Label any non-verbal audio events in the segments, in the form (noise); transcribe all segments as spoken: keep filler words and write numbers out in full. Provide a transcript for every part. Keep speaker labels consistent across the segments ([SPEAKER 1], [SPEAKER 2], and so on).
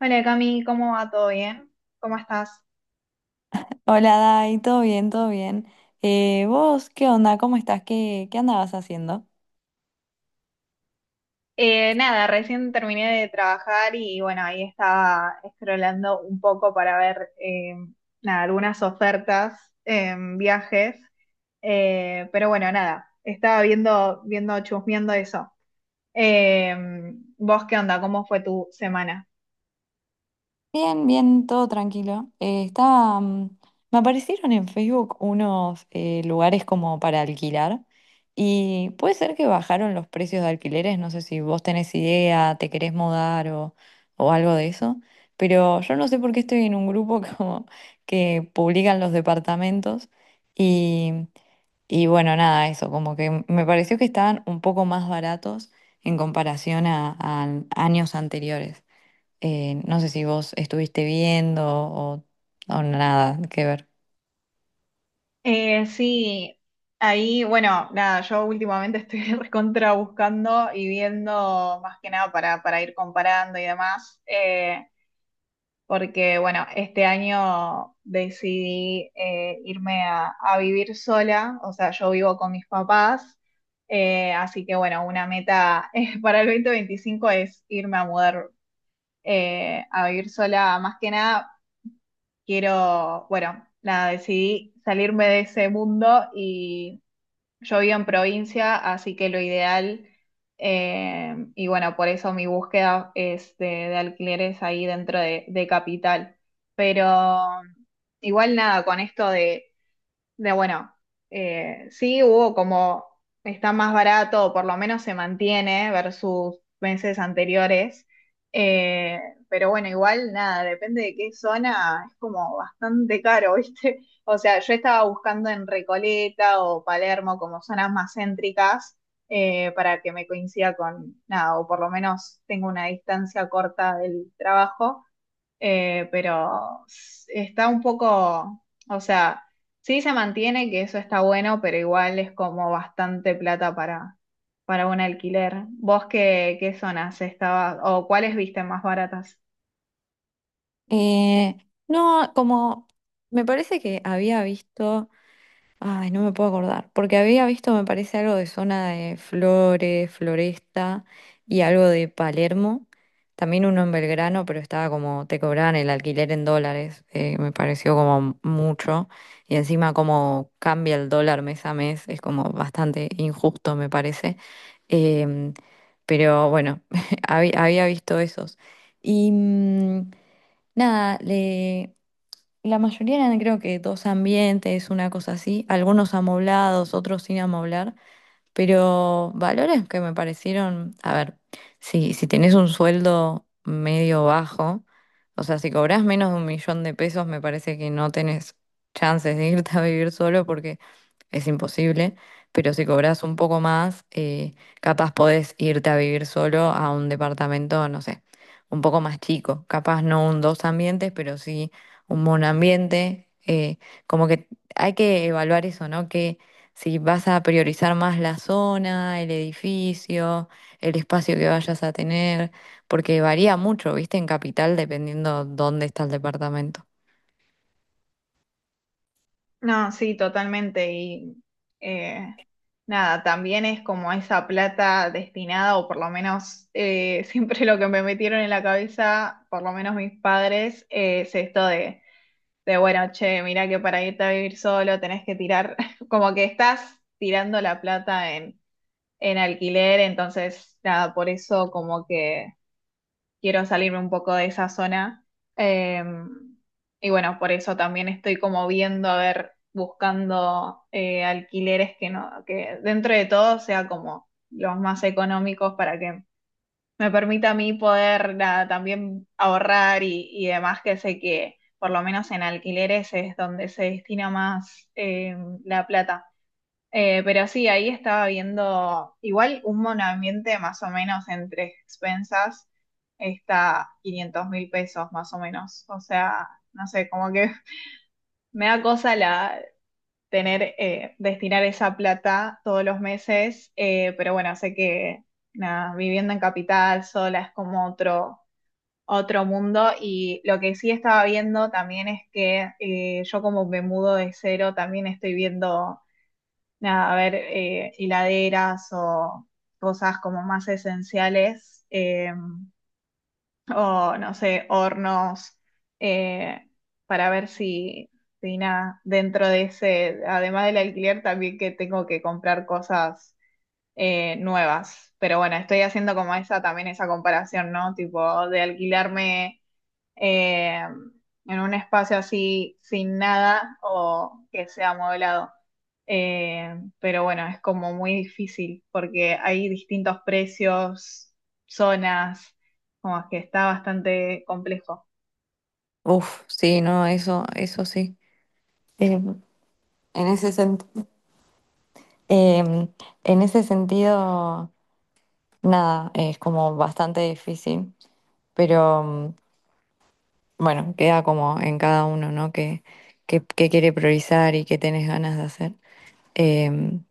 [SPEAKER 1] Hola Cami, ¿cómo va? ¿Todo bien? ¿Cómo estás?
[SPEAKER 2] Hola, Dai, todo bien, todo bien. Eh, ¿vos qué onda? ¿Cómo estás? ¿Qué, qué andabas haciendo?
[SPEAKER 1] Eh, nada, recién terminé de trabajar y bueno, ahí estaba scrollando un poco para ver eh, nada, algunas ofertas en viajes. Eh, pero bueno, nada, estaba viendo, viendo, chusmeando eso. Eh, ¿Vos qué onda? ¿Cómo fue tu semana?
[SPEAKER 2] Bien, bien, todo tranquilo. Eh, estaba, mm, me aparecieron en Facebook unos eh, lugares como para alquilar y puede ser que bajaron los precios de alquileres, no sé si vos tenés idea, te querés mudar o, o, algo de eso, pero yo no sé por qué estoy en un grupo (laughs) como que publican los departamentos. Y bueno, nada, eso, como que me pareció que estaban un poco más baratos en comparación a, a, años anteriores. Eh, no sé si vos estuviste viendo o, o nada que ver.
[SPEAKER 1] Eh, sí, ahí, bueno, nada, yo últimamente estoy (laughs) recontra buscando y viendo más que nada para, para ir comparando y demás. Eh, porque bueno, este año decidí eh, irme a, a vivir sola, o sea, yo vivo con mis papás, eh, así que bueno, una meta (laughs) eh, para el dos mil veinticinco es irme a mudar eh, a vivir sola, más que nada quiero, bueno, nada, decidí salirme de ese mundo y yo vivo en provincia, así que lo ideal, eh, y bueno, por eso mi búsqueda es de, de alquileres ahí dentro de, de capital. Pero igual nada, con esto de, de bueno, eh, sí hubo como está más barato, o por lo menos se mantiene versus meses anteriores. eh, pero bueno, igual nada, depende de qué zona, es como bastante caro, (laughs) ¿viste? O sea, yo estaba buscando en Recoleta o Palermo como zonas más céntricas, eh, para que me coincida con nada, o por lo menos tengo una distancia corta del trabajo. Eh, pero s- está un poco, o sea, sí se mantiene, que eso está bueno, pero igual es como bastante plata para, para un alquiler. ¿Vos qué, qué zonas estabas o cuáles viste más baratas?
[SPEAKER 2] Eh, no, como me parece que había visto. Ay, no me puedo acordar, porque había visto, me parece, algo de zona de Flores, Floresta y algo de Palermo. También uno en Belgrano, pero estaba como, te cobraban el alquiler en dólares, eh, me pareció como mucho. Y encima como cambia el dólar mes a mes, es como bastante injusto, me parece. Em, pero bueno, (laughs) habí- había visto esos. Y mm, nada, le... La mayoría eran creo que dos ambientes, una cosa así, algunos amoblados, otros sin amoblar, pero valores que me parecieron, a ver, si, si tenés un sueldo medio bajo, o sea, si cobrás menos de un millón de pesos, me parece que no tenés chances de irte a vivir solo porque es imposible. Pero si cobras un poco más, eh, capaz podés irte a vivir solo a un departamento, no sé, un poco más chico. Capaz no un dos ambientes, pero sí un monoambiente. eh, como que hay que evaluar eso, ¿no? Si vas a priorizar más la zona, el edificio, el espacio que vayas a tener, porque varía mucho, viste, en capital dependiendo dónde está el departamento.
[SPEAKER 1] No, sí, totalmente. Y eh, nada, también es como esa plata destinada, o por lo menos eh, (laughs) siempre lo que me metieron en la cabeza, por lo menos mis padres, eh, es esto de. De bueno, che, mira que para irte a vivir solo tenés que tirar, (laughs) como que estás tirando la plata en, en alquiler, entonces nada, por eso como que quiero salirme un poco de esa zona. Eh, y bueno, por eso también estoy como viendo, a ver, buscando eh, alquileres que no, que dentro de todo sea como los más económicos para que me permite a mí poder nada, también ahorrar y, y demás, que sé que por lo menos en alquileres es donde se destina más eh, la plata. Eh, pero sí, ahí estaba viendo igual un monoambiente más o menos entre expensas está quinientos mil pesos más o menos. O sea, no sé, como que (laughs) me da cosa la tener, eh, destinar esa plata todos los meses, eh, pero bueno, sé que nada, viviendo en capital sola es como otro, otro mundo. Y lo que sí estaba viendo también es que eh, yo como me mudo de cero, también estoy viendo, nada, a ver, eh, hiladeras o cosas como más esenciales, eh, o no sé, hornos, eh, para ver si, si nada, dentro de ese, además del alquiler, también que tengo que comprar cosas eh, nuevas. Pero bueno, estoy haciendo como esa también esa comparación, ¿no? Tipo, de alquilarme eh, en un espacio así sin nada o que sea amueblado. Eh, pero bueno, es como muy difícil porque hay distintos precios, zonas, como que está bastante complejo.
[SPEAKER 2] Uf, sí, no, eso, eso sí. Eh, en ese sentido, en ese sentido, nada, es como bastante difícil, pero mm, bueno, queda como en cada uno, ¿no? Que, que, que quiere priorizar y qué tenés ganas de hacer. Em,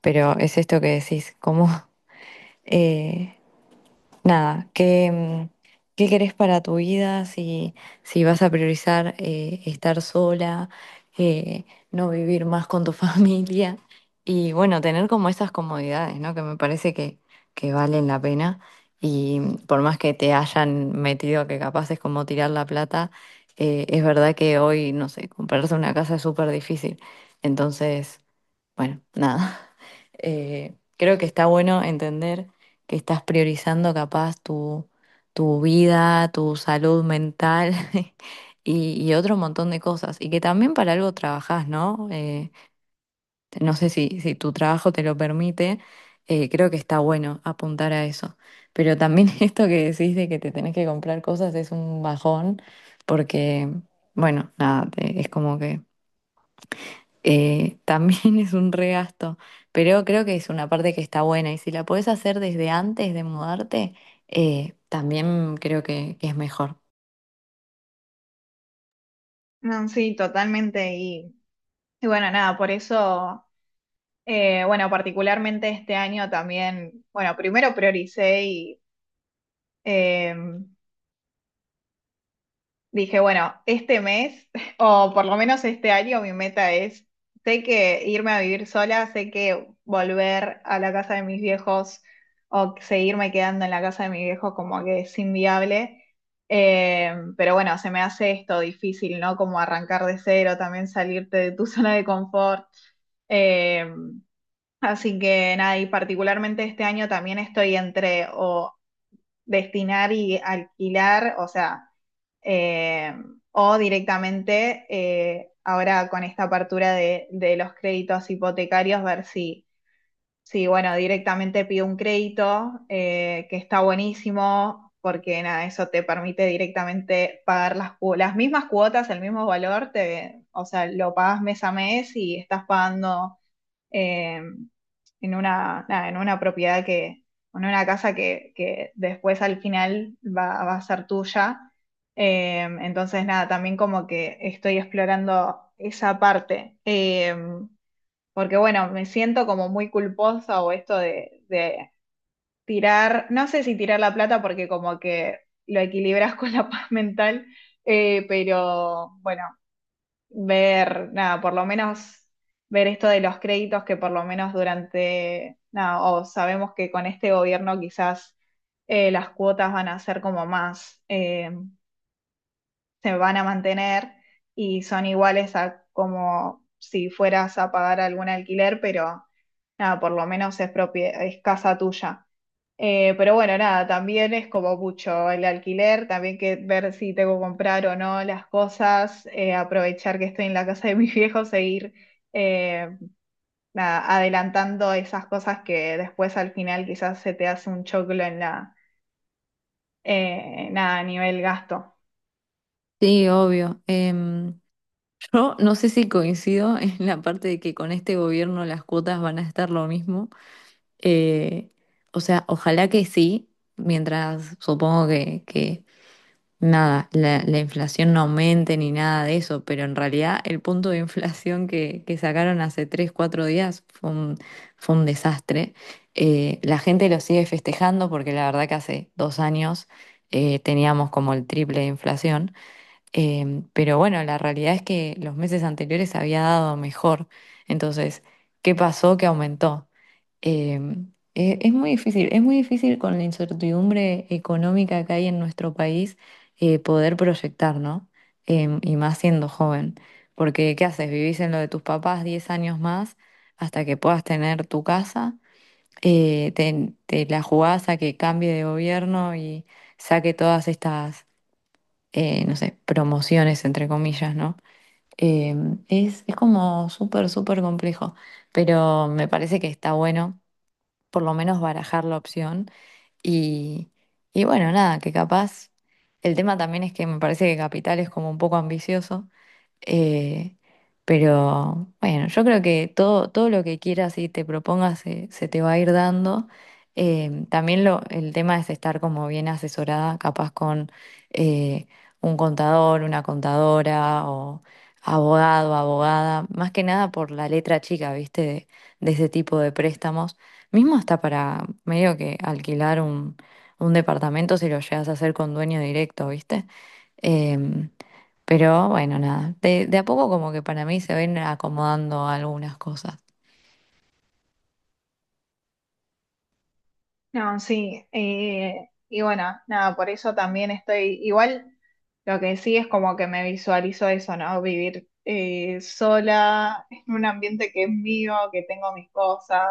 [SPEAKER 2] pero es esto que decís, como (laughs) eh, nada, ¿qué, mm, qué querés para tu vida? Si, si vas a priorizar eh, estar sola, eh, no vivir más con tu (laughs) familia y bueno, tener como esas comodidades, ¿no? Que me parece que, que valen la pena y mm, por más que te hayan metido que capaz es como tirar la plata, eh, es verdad que hoy, no sé, comprarse una casa es súper difícil. Entonces... Bueno, nada. (laughs) Eh, creo que está bueno entender que estás priorizando capaz tu, tu vida, tu salud mental (laughs) y, y otro montón de cosas. Y que también para algo trabajás, ¿no? Eh, no sé si, si tu trabajo te lo permite, eh, creo que está bueno apuntar a eso. Pero también (laughs) esto que decís de que te tenés que comprar cosas es un bajón porque, bueno, nada, te- es como que eh, también (laughs) es un regasto, pero creo que es una parte que está buena y si la podés hacer desde antes de mudarte, eh, también creo que, que es mejor.
[SPEAKER 1] No, sí, totalmente. Y, y bueno, nada, por eso, eh, bueno, particularmente este año también, bueno, primero prioricé y... Dije, bueno, este mes, (laughs) o por lo menos este año, mi meta es, sé que irme a vivir sola, sé que volver a la casa de mis viejos o seguirme quedando en la casa de mis viejos como que es inviable. Eh, pero bueno, se me hace esto difícil, ¿no? Como arrancar de cero, también salirte de tu (laughs) zona de confort. Eh, Así que nada, y particularmente este año también estoy entre o destinar y alquilar, o sea, eh, o directamente eh, ahora con esta apertura de, de, los créditos hipotecarios, ver si, si bueno, directamente pido un crédito, eh, que está buenísimo, porque nada, eso te permite directamente pagar las, cu- las mismas cuotas, el mismo valor, te, o sea, lo pagas mes a mes y estás pagando eh, en una, nada, en una propiedad que, en una casa que, que después al final va, va a ser tuya. Eh, entonces, nada, también como que estoy explorando esa parte. Eh, porque bueno, me siento como muy culposa o esto de, de tirar, no sé si tirar la plata porque como que lo equilibras (laughs) con la paz mental, eh, pero bueno, ver, nada, por lo menos ver esto de los créditos que por lo menos durante, nada, o sabemos que con este gobierno quizás eh, las cuotas van a ser como más, eh, se van a mantener y son iguales a como si fueras a pagar algún alquiler, pero nada, por lo menos es propie- es casa tuya. Eh, pero bueno, nada, también es como mucho el alquiler, también que ver si tengo que comprar o no las cosas, eh, aprovechar que estoy en la casa de mis viejos e ir eh, nada, adelantando esas cosas que después al final quizás se te hace un choclo en la, eh, nada, a nivel gasto.
[SPEAKER 2] Sí, obvio. Em, yo no sé si coincido en la parte de que con este gobierno las cuotas van a estar lo mismo. Eh, o sea, ojalá que sí, mientras supongo que, que nada, la, la inflación no aumente ni nada de eso, pero en realidad el punto de inflación que, que sacaron hace tres cuatro días fue un, fue un, desastre. Eh, la gente lo sigue festejando porque la verdad que hace dos años eh, teníamos como el triple de inflación. Em, pero bueno, la realidad es que los meses anteriores había dado mejor. Entonces, ¿qué pasó que aumentó? Em, e- es, muy difícil, es muy difícil con la incertidumbre económica que hay en nuestro país eh, poder proyectar, ¿no? Em, y más siendo joven. Porque, ¿qué haces? Vivís en lo de tus papás diez años más hasta que puedas tener tu casa. Eh, te, te la jugás a que cambie de gobierno y saque todas estas eh, no sé, promociones, entre comillas, ¿no? Eh, es, es como súper, súper complejo, pero me parece que está bueno por lo menos barajar la opción y, y bueno, nada, que capaz, el tema también es que me parece que Capital es como un poco ambicioso eh, pero bueno, yo creo que todo, todo lo que quieras y te propongas se, se te va a ir dando. Eh, también lo, el tema es estar como bien asesorada, capaz con eh, un contador, una contadora o abogado, abogada, más que nada por la letra chica, ¿viste? De, de ese tipo de préstamos. Mismo hasta para medio que alquilar un, un departamento si lo llegas a hacer con dueño directo, ¿viste? Em, pero bueno, nada, de, de a poco como que para mí se ven acomodando algunas cosas.
[SPEAKER 1] No, sí, eh, y bueno, nada, por eso también estoy, igual lo que sí es como que me visualizo eso, ¿no? Vivir eh, sola en un ambiente que es mío, que tengo mis cosas,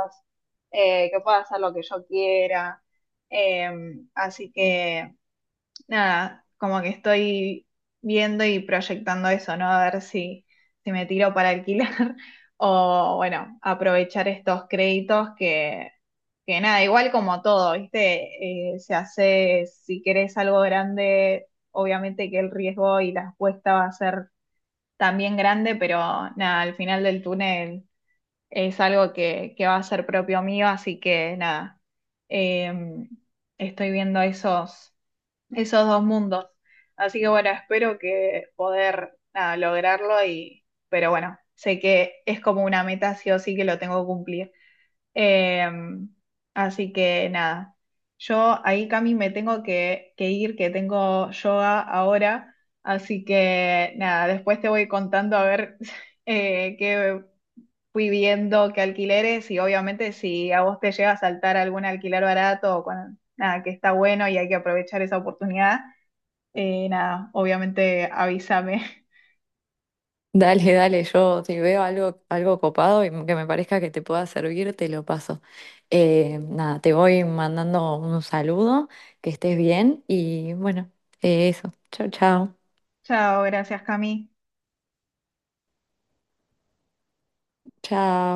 [SPEAKER 1] eh, que puedo hacer lo que yo quiera. eh, Así que nada, como que estoy viendo y proyectando eso, ¿no? A ver si, si me tiro para alquilar (laughs) o bueno, aprovechar estos créditos que nada, igual como todo, ¿viste? Eh, se hace, si querés algo grande, obviamente que el riesgo y la apuesta va a ser también grande, pero nada, al final del túnel es algo que, que va a ser propio mío, así que nada, eh, estoy viendo esos, esos dos mundos. Así que bueno, espero que poder nada, lograrlo y, pero bueno, sé que es como una meta sí o sí que lo tengo que cumplir. Eh, Así que nada, yo ahí, Cami, me tengo que, que ir, que tengo yoga ahora, así que nada, después te voy contando a ver (laughs) eh, qué fui viendo, qué alquileres y obviamente si a vos te llega a saltar algún alquiler barato o cuando, nada, que está bueno y hay que aprovechar esa oportunidad, eh, nada, obviamente avísame. (laughs)
[SPEAKER 2] Dale, dale, yo si veo algo, algo copado y que me parezca que te pueda servir, te lo paso. Eh, nada, te voy mandando un saludo, que estés bien y bueno, eh, eso. Chao, chao.
[SPEAKER 1] Chao, gracias, Cami.
[SPEAKER 2] Chao.